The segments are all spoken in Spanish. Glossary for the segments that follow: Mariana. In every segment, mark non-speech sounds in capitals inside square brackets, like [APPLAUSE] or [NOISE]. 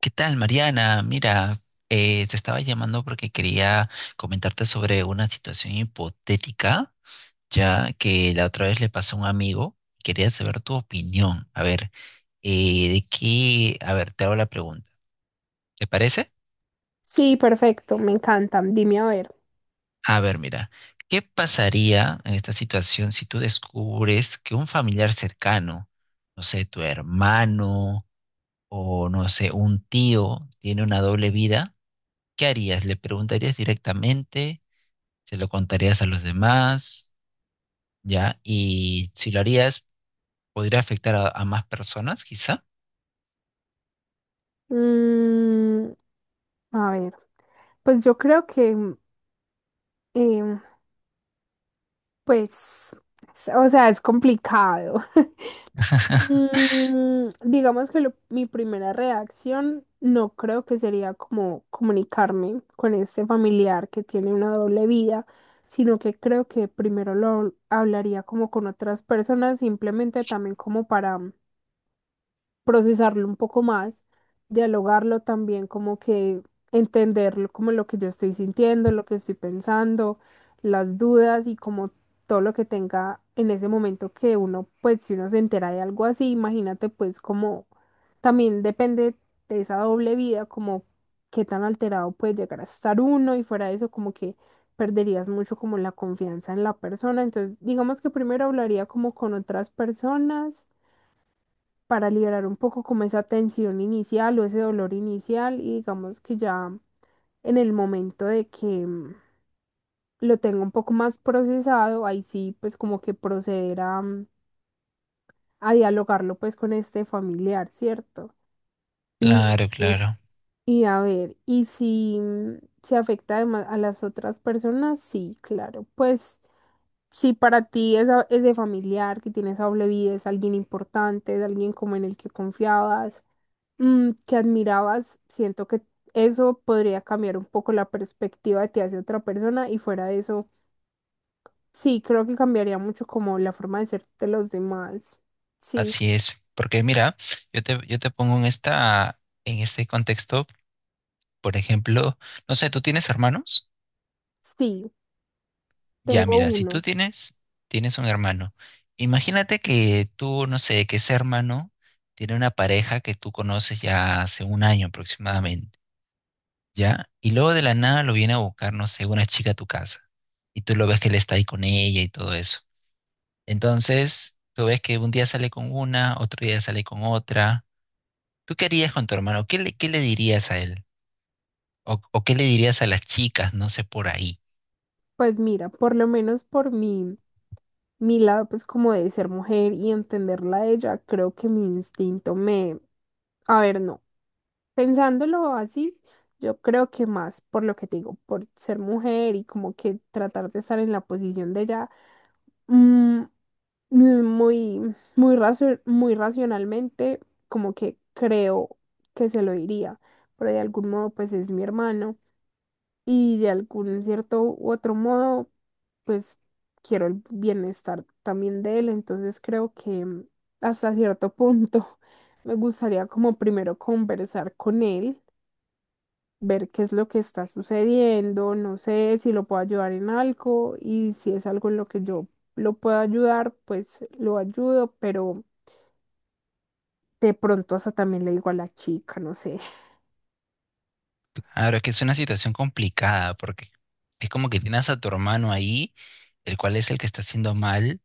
¿Qué tal, Mariana? Mira, te estaba llamando porque quería comentarte sobre una situación hipotética, ya que la otra vez le pasó a un amigo. Quería saber tu opinión. A ver, de qué, a ver, te hago la pregunta. ¿Te parece? Sí, perfecto, me encantan. Dime a ver. A ver, mira, ¿qué pasaría en esta situación si tú descubres que un familiar cercano, no sé, tu hermano o no sé, un tío tiene una doble vida? ¿Qué harías? ¿Le preguntarías directamente? ¿Se lo contarías a los demás, ya? Y si lo harías, podría afectar a más personas, quizá. Mm, a ver, pues yo creo que, em, pues, o sea, es complicado. [LAUGHS] [LAUGHS] Mm, digamos que mi primera reacción no creo que sería como comunicarme con este familiar que tiene una doble vida, sino que creo que primero lo hablaría como con otras personas, simplemente también como para procesarlo un poco más, dialogarlo también, como que entenderlo, como lo que yo estoy sintiendo, lo que estoy pensando, las dudas y como todo lo que tenga en ese momento que uno, pues si uno se entera de algo así, imagínate pues como también depende de esa doble vida, como qué tan alterado puede llegar a estar uno y fuera de eso como que perderías mucho como la confianza en la persona. Entonces, digamos que primero hablaría como con otras personas para liberar un poco como esa tensión inicial o ese dolor inicial y digamos que ya en el momento de que lo tenga un poco más procesado, ahí sí pues como que proceder a, a dialogarlo pues con este familiar, ¿cierto? Y, Claro, y claro, a ver, y si se afecta además a las otras personas, sí, claro, pues... Si para ti ese familiar que tiene esa doble vida es alguien importante, es alguien como en el que confiabas, que admirabas, siento que eso podría cambiar un poco la perspectiva de ti hacia otra persona y fuera de eso, sí, creo que cambiaría mucho como la forma de ser de los demás. Sí, así es. Porque mira, yo te pongo en esta, en este contexto, por ejemplo, no sé, ¿tú tienes hermanos? sí, Ya, tengo mira, si tú uno. tienes, tienes un hermano. Imagínate que tú, no sé, que ese hermano tiene una pareja que tú conoces ya hace un año aproximadamente, ¿ya? Y luego de la nada lo viene a buscar, no sé, una chica a tu casa. Y tú lo ves que él está ahí con ella y todo eso. Entonces, tú ves que un día sale con una, otro día sale con otra. ¿Tú qué harías con tu hermano? Qué le dirías a él? O qué le dirías a las chicas, no sé, por ahí? Pues mira, por lo menos por mi lado, pues como de ser mujer y entenderla a ella, creo que mi instinto me... A ver, no. Pensándolo así, yo creo que más por lo que te digo, por ser mujer y como que tratar de estar en la posición de ella, mm, muy, muy, muy racionalmente, como que creo que se lo diría, pero de algún modo pues es mi hermano y de algún cierto u otro modo pues quiero el bienestar también de él, entonces creo que hasta cierto punto [LAUGHS] me gustaría como primero conversar con él, ver qué es lo que está sucediendo, no sé si lo puedo ayudar en algo y si es algo en lo que yo lo puedo ayudar, pues lo ayudo, pero de pronto hasta también le digo a la chica, no sé. Ahora es que es una situación complicada porque es como que tienes a tu hermano ahí, el cual es el que está haciendo mal,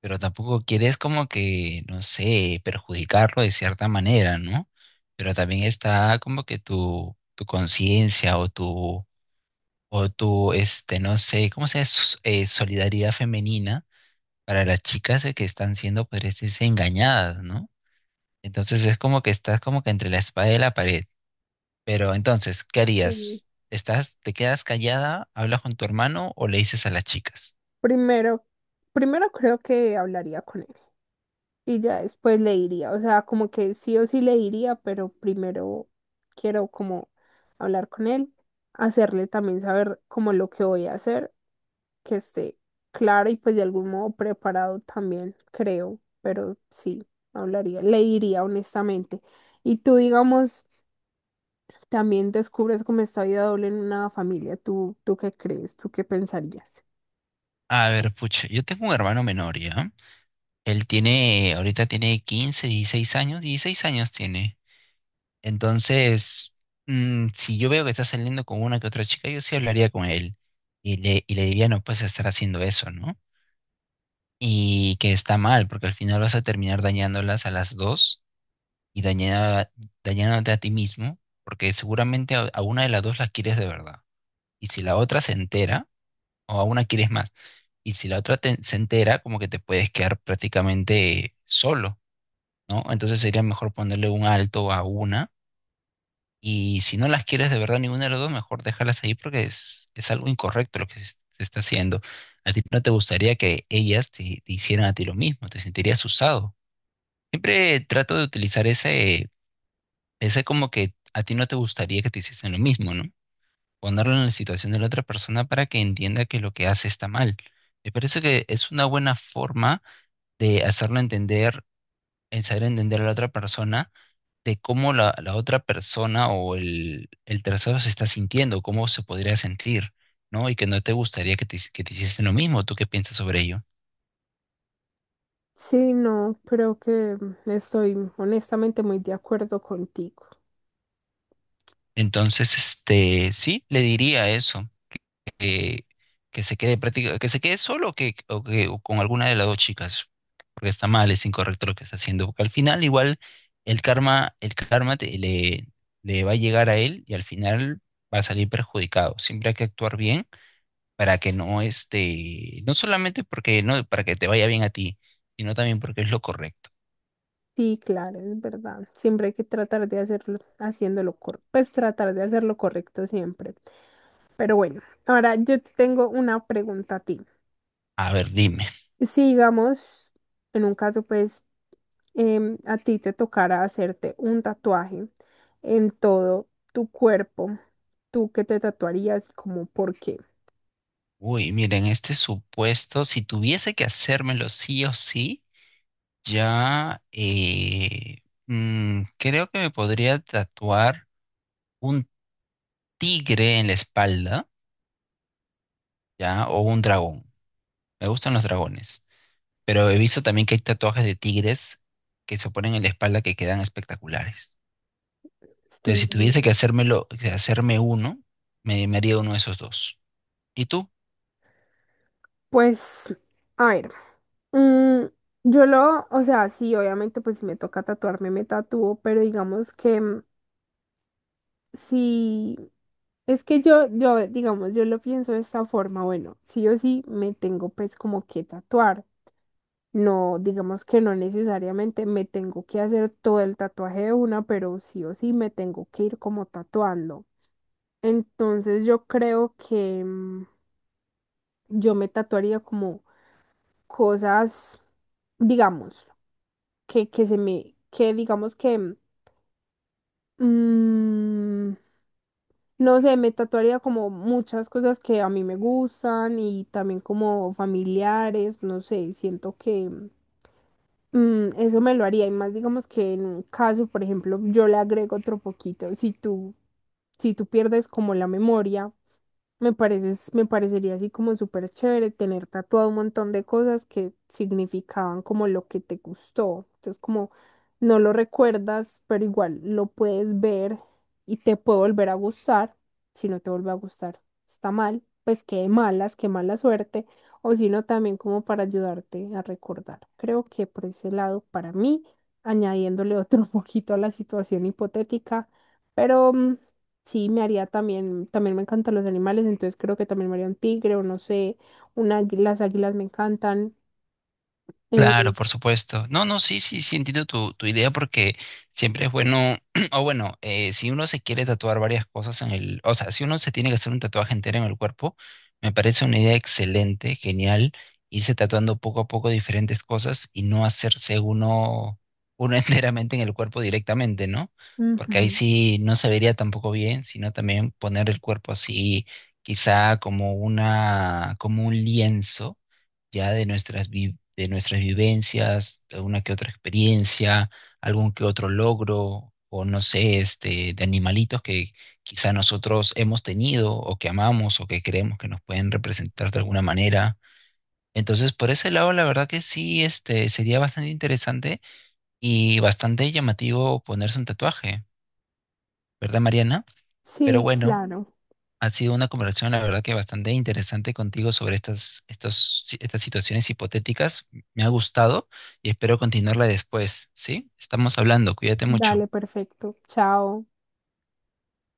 pero tampoco quieres como que, no sé, perjudicarlo de cierta manera, ¿no? Pero también está como que tu conciencia o tu, este, no sé, ¿cómo se llama? Solidaridad femenina para las chicas, que están siendo, pues, engañadas, ¿no? Entonces es como que estás como que entre la espada y la pared. Pero entonces, ¿qué Mm, harías? ¿Estás, te quedas callada, hablas con tu hermano o le dices a las chicas? Primero, primero creo que hablaría con él y ya después le diría, o sea, como que sí o sí le diría, pero primero quiero como hablar con él, hacerle también saber como lo que voy a hacer, que esté clara y pues de algún modo preparado también, creo, pero sí, hablaría, le diría honestamente. Y tú, digamos, también descubres como esta vida doble en una familia, ¿tú, tú qué crees? ¿Tú qué pensarías? A ver, pucha, yo tengo un hermano menor, ¿ya? Él tiene, ahorita tiene 15, 16 años, 16 años tiene. Entonces, si yo veo que está saliendo con una que otra chica, yo sí hablaría con él y y le diría: no puedes estar haciendo eso, ¿no? Y que está mal, porque al final vas a terminar dañándolas a las dos y dañándote a ti mismo, porque seguramente a una de las dos las quieres de verdad. Y si la otra se entera, o a una quieres más, y si la otra se entera, como que te puedes quedar prácticamente solo, ¿no? Entonces sería mejor ponerle un alto a una, y si no las quieres de verdad ninguna de las dos, mejor déjalas ahí porque es algo incorrecto lo que se está haciendo. A ti no te gustaría que ellas te hicieran a ti lo mismo, te sentirías usado. Siempre trato de utilizar ese como que a ti no te gustaría que te hiciesen lo mismo, ¿no? Ponerlo en la situación de la otra persona para que entienda que lo que hace está mal. Me parece que es una buena forma de hacerlo entender, en saber entender a la otra persona de cómo la otra persona o el tercero se está sintiendo, cómo se podría sentir, ¿no? Y que no te gustaría que que te hiciesen lo mismo. ¿Tú qué piensas sobre ello? Sí, no, creo que estoy honestamente muy de acuerdo contigo. Entonces, este, sí, le diría eso. que, que se quede práctica, que se quede solo o que o con alguna de las dos chicas, porque está mal, es incorrecto lo que está haciendo, porque al final igual el karma le va a llegar a él y al final va a salir perjudicado. Siempre hay que actuar bien para que no solamente porque no, para que te vaya bien a ti, sino también porque es lo correcto. Sí, claro, es verdad. Siempre hay que tratar de hacerlo, haciéndolo correcto, pues tratar de hacerlo correcto siempre. Pero bueno, ahora yo te tengo una pregunta a ti. A ver, dime. Si digamos, en un caso, pues, a ti te tocara hacerte un tatuaje en todo tu cuerpo, ¿tú qué te tatuarías y como por qué? Uy, miren, este supuesto, si tuviese que hacérmelo sí o sí, ya, creo que me podría tatuar un tigre en la espalda, ya, o un dragón. Me gustan los dragones, pero he visto también que hay tatuajes de tigres que se ponen en la espalda que quedan espectaculares. Entonces, Sí, si tuviese que hacérmelo, que hacerme uno, me haría uno de esos dos. ¿Y tú? pues, a ver, mm, yo lo, o sea, sí, obviamente, pues si me toca tatuarme, me tatúo, pero digamos que si, es que yo, digamos, yo lo pienso de esta forma, bueno, sí o sí, me tengo pues como que tatuar. No, digamos que no necesariamente me tengo que hacer todo el tatuaje de una, pero sí o sí me tengo que ir como tatuando. Entonces yo creo que yo me tatuaría como cosas, digamos, que se me, que digamos que, mm, no sé, me tatuaría como muchas cosas que a mí me gustan y también como familiares, no sé, siento que... Mm, eso me lo haría y más digamos que en un caso, por ejemplo, yo le agrego otro poquito. Si tú pierdes como la memoria, me parece, me parecería así como súper chévere tener tatuado un montón de cosas que significaban como lo que te gustó. Entonces, como no lo recuerdas, pero igual lo puedes ver y te puede volver a gustar. Si no te vuelve a gustar, está mal. Pues qué malas, qué mala suerte. O si no, también como para ayudarte a recordar. Creo que por ese lado, para mí, añadiéndole otro [LAUGHS] poquito a la situación hipotética, pero. mm, Sí, me haría también, también me encantan los animales, entonces creo que también me haría un tigre o no sé, un águila, las águilas me encantan. Claro, eh, por supuesto. No, no, sí, sí, sí, entiendo tu idea porque siempre es bueno, [CLEARS THROAT] o bueno, si uno se quiere tatuar varias cosas en el, o sea, si uno se tiene que hacer un tatuaje entero en el cuerpo, me parece una idea excelente, genial, irse tatuando poco a poco diferentes cosas y no hacerse uno, uno [LAUGHS] enteramente en el cuerpo directamente, ¿no? Porque ahí ujú. sí no se vería tampoco bien, sino también poner el cuerpo así, quizá como una, como un lienzo ya de de nuestras vivencias, alguna que otra experiencia, algún que otro logro, o no sé, este, de animalitos que quizá nosotros hemos tenido o que amamos o que creemos que nos pueden representar de alguna manera. Entonces, por ese lado, la verdad que sí, este, sería bastante interesante y bastante llamativo ponerse un tatuaje, ¿verdad, Mariana? Pero Sí, bueno, claro. ha sido una conversación, la verdad, que bastante interesante contigo sobre estas, estos, si- estas situaciones hipotéticas. Me ha gustado y espero continuarla después, ¿sí? Estamos hablando, cuídate mucho. Dale, perfecto. Chao.